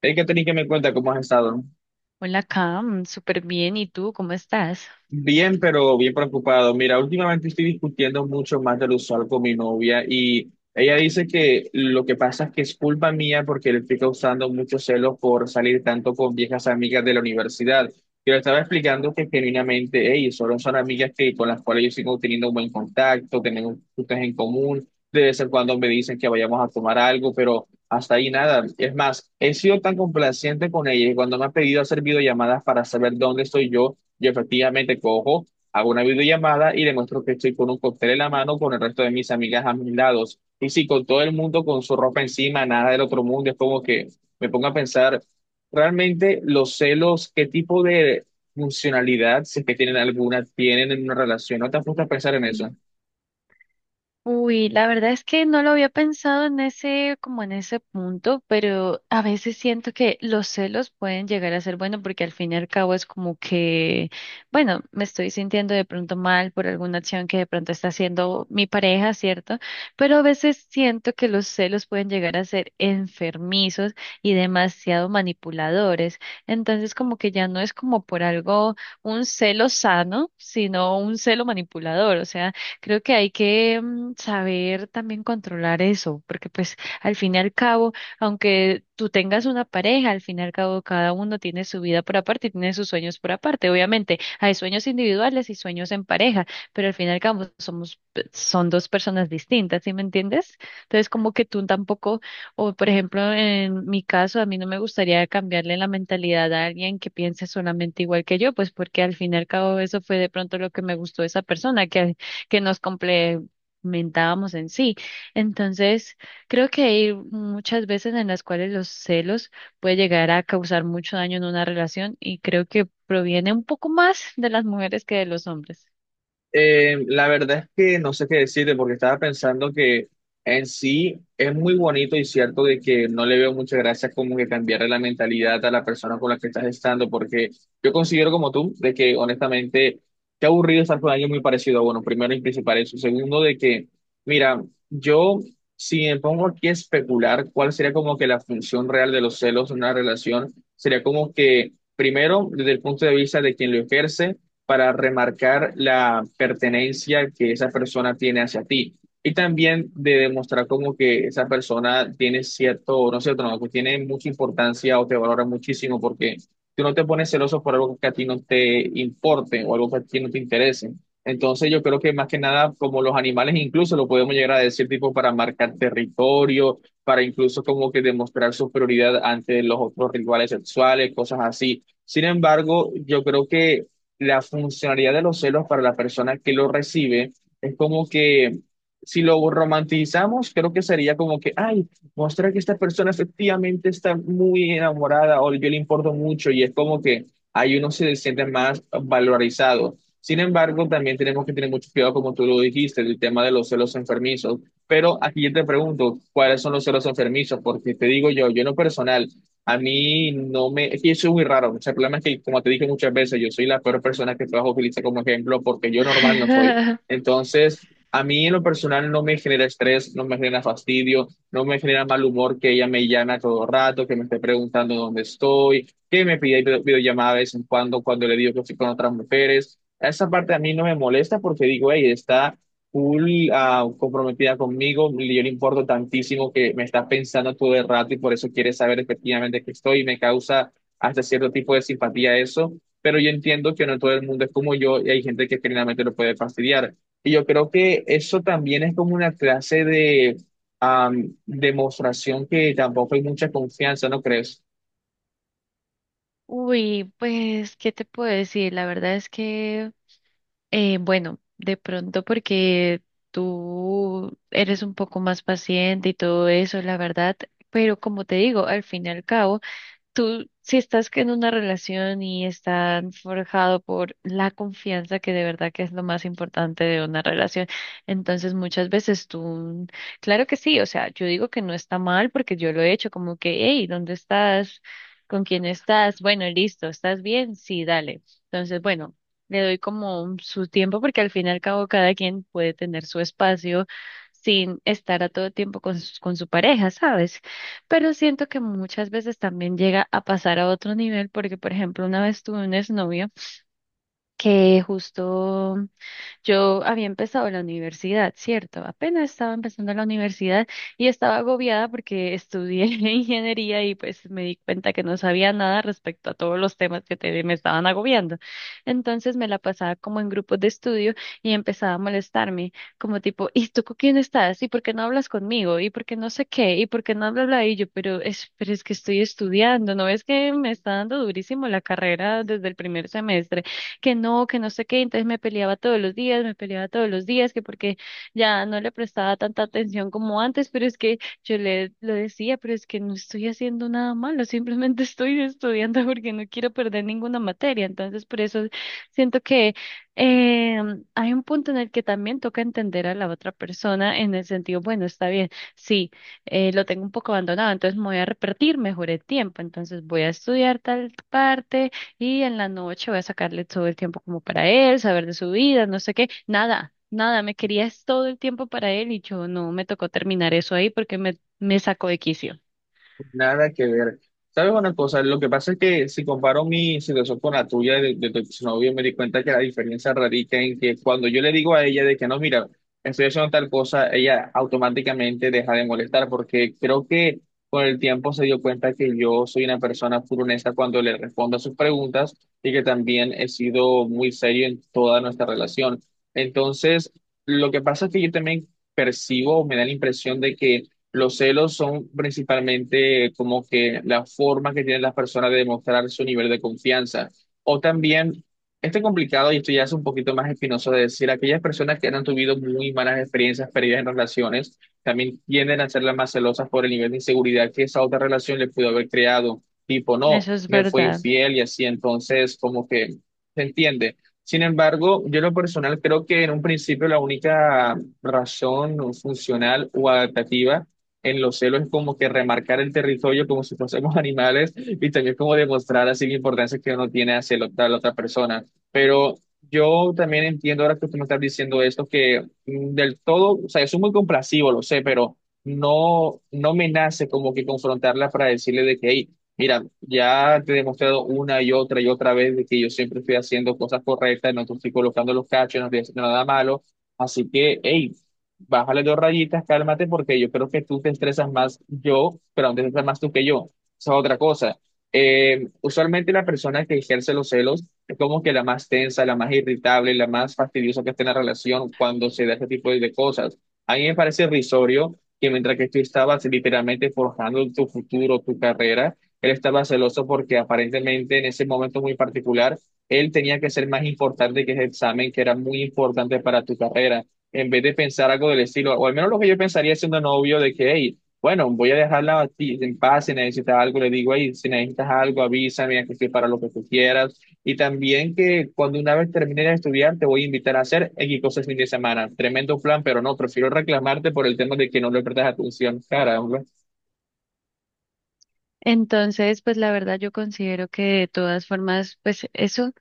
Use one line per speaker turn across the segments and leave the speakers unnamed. Hay que tener que me cuenta cómo has estado, ¿no?
Hola, Cam, súper bien. ¿Y tú cómo estás?
Bien, pero bien preocupado. Mira, últimamente estoy discutiendo mucho más de lo usual con mi novia y ella dice que lo que pasa es que es culpa mía porque le estoy causando mucho celo por salir tanto con viejas amigas de la universidad. Yo le estaba explicando que genuinamente, hey, solo son amigas que, con las cuales yo sigo teniendo un buen contacto, tenemos cosas en común, de vez en cuando me dicen que vayamos a tomar algo, pero hasta ahí nada. Es más, he sido tan complaciente con ella y cuando me ha pedido hacer videollamadas para saber dónde estoy yo. Yo efectivamente cojo, hago una videollamada y demuestro que estoy con un cóctel en la mano con el resto de mis amigas a mis lados. Y si con todo el mundo con su ropa encima, nada del otro mundo, es como que me pongo a pensar realmente los celos, qué tipo de funcionalidad, si es que tienen alguna, tienen en una relación. ¿No te has puesto a pensar en eso?
Uy, la verdad es que no lo había pensado en ese, como en ese punto, pero a veces siento que los celos pueden llegar a ser bueno porque al fin y al cabo es como que, bueno, me estoy sintiendo de pronto mal por alguna acción que de pronto está haciendo mi pareja, ¿cierto? Pero a veces siento que los celos pueden llegar a ser enfermizos y demasiado manipuladores. Entonces, como que ya no es como por algo un celo sano, sino un celo manipulador, o sea, creo que hay que saber también controlar eso, porque pues al fin y al cabo, aunque tú tengas una pareja, al fin y al cabo cada uno tiene su vida por aparte y tiene sus sueños por aparte. Obviamente hay sueños individuales y sueños en pareja, pero al fin y al cabo somos, son dos personas distintas, ¿sí me entiendes? Entonces como que tú tampoco, o por ejemplo en mi caso, a mí no me gustaría cambiarle la mentalidad a alguien que piense solamente igual que yo, pues porque al fin y al cabo eso fue de pronto lo que me gustó de esa persona, que nos complementábamos en sí. Entonces, creo que hay muchas veces en las cuales los celos puede llegar a causar mucho daño en una relación y creo que proviene un poco más de las mujeres que de los hombres.
La verdad es que no sé qué decirte porque estaba pensando que en sí es muy bonito y cierto de que no le veo muchas gracias como que cambiarle la mentalidad a la persona con la que estás estando porque yo considero como tú de que honestamente qué aburrido estar con alguien muy parecido. Bueno, primero y principal eso. Segundo de que, mira, yo si me pongo aquí a especular cuál sería como que la función real de los celos en una relación, sería como que primero desde el punto de vista de quien lo ejerce para remarcar la pertenencia que esa persona tiene hacia ti. Y también de demostrar como que esa persona tiene cierto, no, que tiene mucha importancia o te valora muchísimo porque tú no te pones celoso por algo que a ti no te importe o algo que a ti no te interese. Entonces yo creo que más que nada, como los animales incluso lo podemos llegar a decir tipo para marcar territorio, para incluso como que demostrar superioridad ante los otros rivales sexuales, cosas así. Sin embargo, yo creo que la funcionalidad de los celos para la persona que lo recibe es como que si lo romantizamos, creo que sería como que, ay, mostrar que esta persona efectivamente está muy enamorada o yo le importo mucho y es como que ahí uno se siente más valorizado. Sin embargo, también tenemos que tener mucho cuidado, como tú lo dijiste, el tema de los celos enfermizos. Pero aquí yo te pregunto, ¿cuáles son los celos enfermizos? Porque te digo yo, yo en lo personal, a mí no me, es que eso es muy raro. O sea, el problema es que, como te dije muchas veces, yo soy la peor persona que trabajo utiliza como ejemplo porque yo normal no soy. Entonces, a mí en lo personal no me genera estrés, no me genera fastidio, no me genera mal humor que ella me llame a todo rato, que me esté preguntando dónde estoy, que me pida videollamada de vez en cuando cuando le digo que estoy con otras mujeres. Esa parte a mí no me molesta porque digo, hey, está full comprometida conmigo, yo le importo tantísimo que me está pensando todo el rato y por eso quiere saber efectivamente que estoy y me causa hasta cierto tipo de simpatía eso, pero yo entiendo que no todo el mundo es como yo y hay gente que generalmente lo puede fastidiar. Y yo creo que eso también es como una clase de demostración que tampoco hay mucha confianza, ¿no crees?
Uy, pues, ¿qué te puedo decir? La verdad es que, bueno, de pronto porque tú eres un poco más paciente y todo eso, la verdad, pero como te digo, al fin y al cabo, tú, si estás en una relación y están forjado por la confianza, que de verdad que es lo más importante de una relación, entonces muchas veces tú, claro que sí, o sea, yo digo que no está mal porque yo lo he hecho, como que, hey, ¿dónde estás? ¿Con quién estás? Bueno, listo, ¿estás bien? Sí, dale. Entonces, bueno, le doy como su tiempo porque al fin y al cabo cada quien puede tener su espacio sin estar a todo tiempo con, con su pareja, ¿sabes? Pero siento que muchas veces también llega a pasar a otro nivel, porque por ejemplo, una vez tuve un exnovio que justo yo había empezado la universidad, ¿cierto? Apenas estaba empezando la universidad y estaba agobiada porque estudié ingeniería y pues me di cuenta que no sabía nada respecto a todos los temas que me estaban agobiando. Entonces me la pasaba como en grupos de estudio y empezaba a molestarme, como tipo, ¿y tú con quién estás? ¿Y por qué no hablas conmigo? ¿Y por qué no sé qué? ¿Y por qué no hablas? Y yo, pero es que estoy estudiando, ¿no ves que me está dando durísimo la carrera desde el primer semestre? Que no, que no sé qué, entonces me peleaba todos los días, me peleaba todos los días, que porque ya no le prestaba tanta atención como antes, pero es que yo le lo decía, pero es que no estoy haciendo nada malo, simplemente estoy estudiando porque no quiero perder ninguna materia, entonces por eso siento que eh, hay un punto en el que también toca entender a la otra persona en el sentido, bueno, está bien, sí, lo tengo un poco abandonado, entonces me voy a repetir mejor el tiempo, entonces voy a estudiar tal parte y en la noche voy a sacarle todo el tiempo como para él, saber de su vida, no sé qué, nada, nada, me querías todo el tiempo para él y yo no me tocó terminar eso ahí porque me sacó de quicio.
Nada que ver. ¿Sabes una cosa? Lo que pasa es que si comparo mi situación con la tuya de tu exnovio, me di cuenta que la diferencia radica en que cuando yo le digo a ella de que no, mira, estoy haciendo tal cosa, ella automáticamente deja de molestar, porque creo que con el tiempo se dio cuenta que yo soy una persona full honesta cuando le respondo a sus preguntas y que también he sido muy serio en toda nuestra relación. Entonces, lo que pasa es que yo también percibo, me da la impresión de que los celos son principalmente como que la forma que tienen las personas de demostrar su nivel de confianza. O también, este complicado, y esto ya es un poquito más espinoso de decir, aquellas personas que han tenido muy malas experiencias perdidas en relaciones, también tienden a ser las más celosas por el nivel de inseguridad que esa otra relación le pudo haber creado. Tipo, no,
Eso es
me fue
verdad.
infiel y así, entonces como que se entiende. Sin embargo, yo en lo personal creo que en un principio la única razón funcional o adaptativa en los celos es como que remarcar el territorio como si fuésemos animales y también como demostrar así la importancia que uno tiene hacia la otra persona. Pero yo también entiendo ahora que tú me estás diciendo esto, que del todo, o sea, yo soy muy complacido, lo sé, pero no, no me nace como que confrontarla para decirle de que, hey, mira, ya te he demostrado una y otra vez de que yo siempre estoy haciendo cosas correctas, no te estoy colocando los cachos, no estoy haciendo nada malo. Así que, hey, bájale dos rayitas, cálmate, porque yo creo que tú te estresas más yo, pero aún te estresas más tú que yo. Esa es otra cosa. Usualmente la persona que ejerce los celos es como que la más tensa, la más irritable, la más fastidiosa que esté en la relación cuando se da este tipo de cosas. A mí me parece risorio que mientras que tú estabas literalmente forjando tu futuro, tu carrera, él estaba celoso porque aparentemente en ese momento muy particular, él tenía que ser más importante que ese examen que era muy importante para tu carrera en vez de pensar algo del estilo, o al menos lo que yo pensaría siendo novio, de que, hey, bueno, voy a dejarla a ti en paz, si necesitas algo, le digo, hey, si necesitas algo, avísame, aquí estoy para lo que tú quieras. Y también que cuando una vez termine de estudiar, te voy a invitar a hacer X cosas el fin de semana. Tremendo plan, pero no, prefiero reclamarte por el tema de que no le prestas atención, cara, hombre.
Entonces, pues la verdad yo considero que de todas formas, pues eso,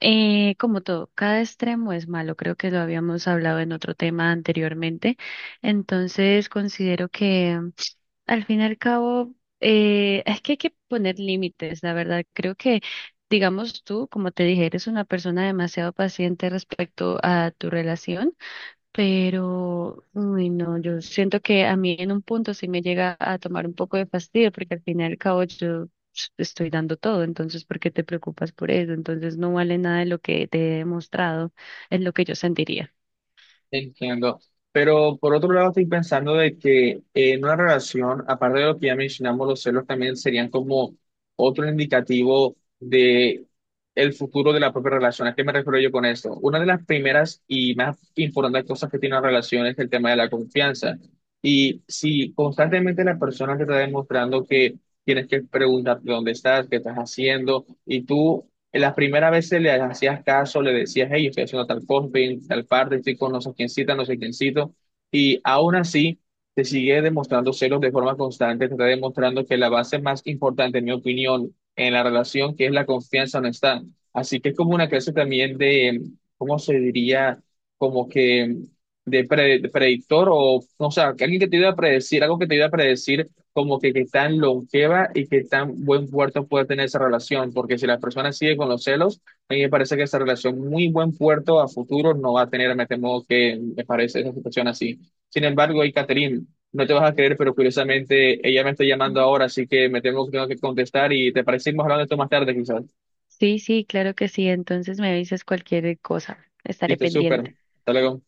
como todo, cada extremo es malo, creo que lo habíamos hablado en otro tema anteriormente. Entonces, considero que al fin y al cabo, es que hay que poner límites, la verdad. Creo que, digamos tú, como te dije, eres una persona demasiado paciente respecto a tu relación, pero, uy, no, yo siento que a mí en un punto sí me llega a tomar un poco de fastidio, porque al fin y al cabo yo estoy dando todo, entonces, ¿por qué te preocupas por eso? Entonces, no vale nada de lo que te he demostrado, es lo que yo sentiría.
Entiendo. Pero por otro lado, estoy pensando de que en una relación, aparte de lo que ya mencionamos, los celos también serían como otro indicativo de el futuro de la propia relación. ¿A qué me refiero yo con esto? Una de las primeras y más importantes cosas que tiene una relación es el tema de la confianza. Y si constantemente la persona te está demostrando que tienes que preguntarte dónde estás, qué estás haciendo, y tú en las primeras veces le hacías caso, le decías, hey, estoy haciendo tal cosa, estoy en tal parte, estoy con no sé quién cita, no sé quién cito, y aún así te sigue demostrando celos de forma constante, te está demostrando que la base más importante, en mi opinión, en la relación, que es la confianza, no está. Así que es como una clase también de, ¿cómo se diría? Como que de, predictor o sea, que alguien que te iba a predecir, algo que te iba a predecir como que qué tan longeva y qué tan buen puerto puede tener esa relación, porque si la persona sigue con los celos, a mí me parece que esa relación muy buen puerto a futuro no va a tener, me temo que me parece esa situación así. Sin embargo, y Catherine, no te vas a creer, pero curiosamente ella me está llamando ahora, así que me temo que tengo que contestar y te parecimos hablando de esto más tarde quizás.
Sí, sí, claro que sí. Entonces me avisas cualquier cosa. Estaré
Listo, súper.
pendiente.
Hasta luego.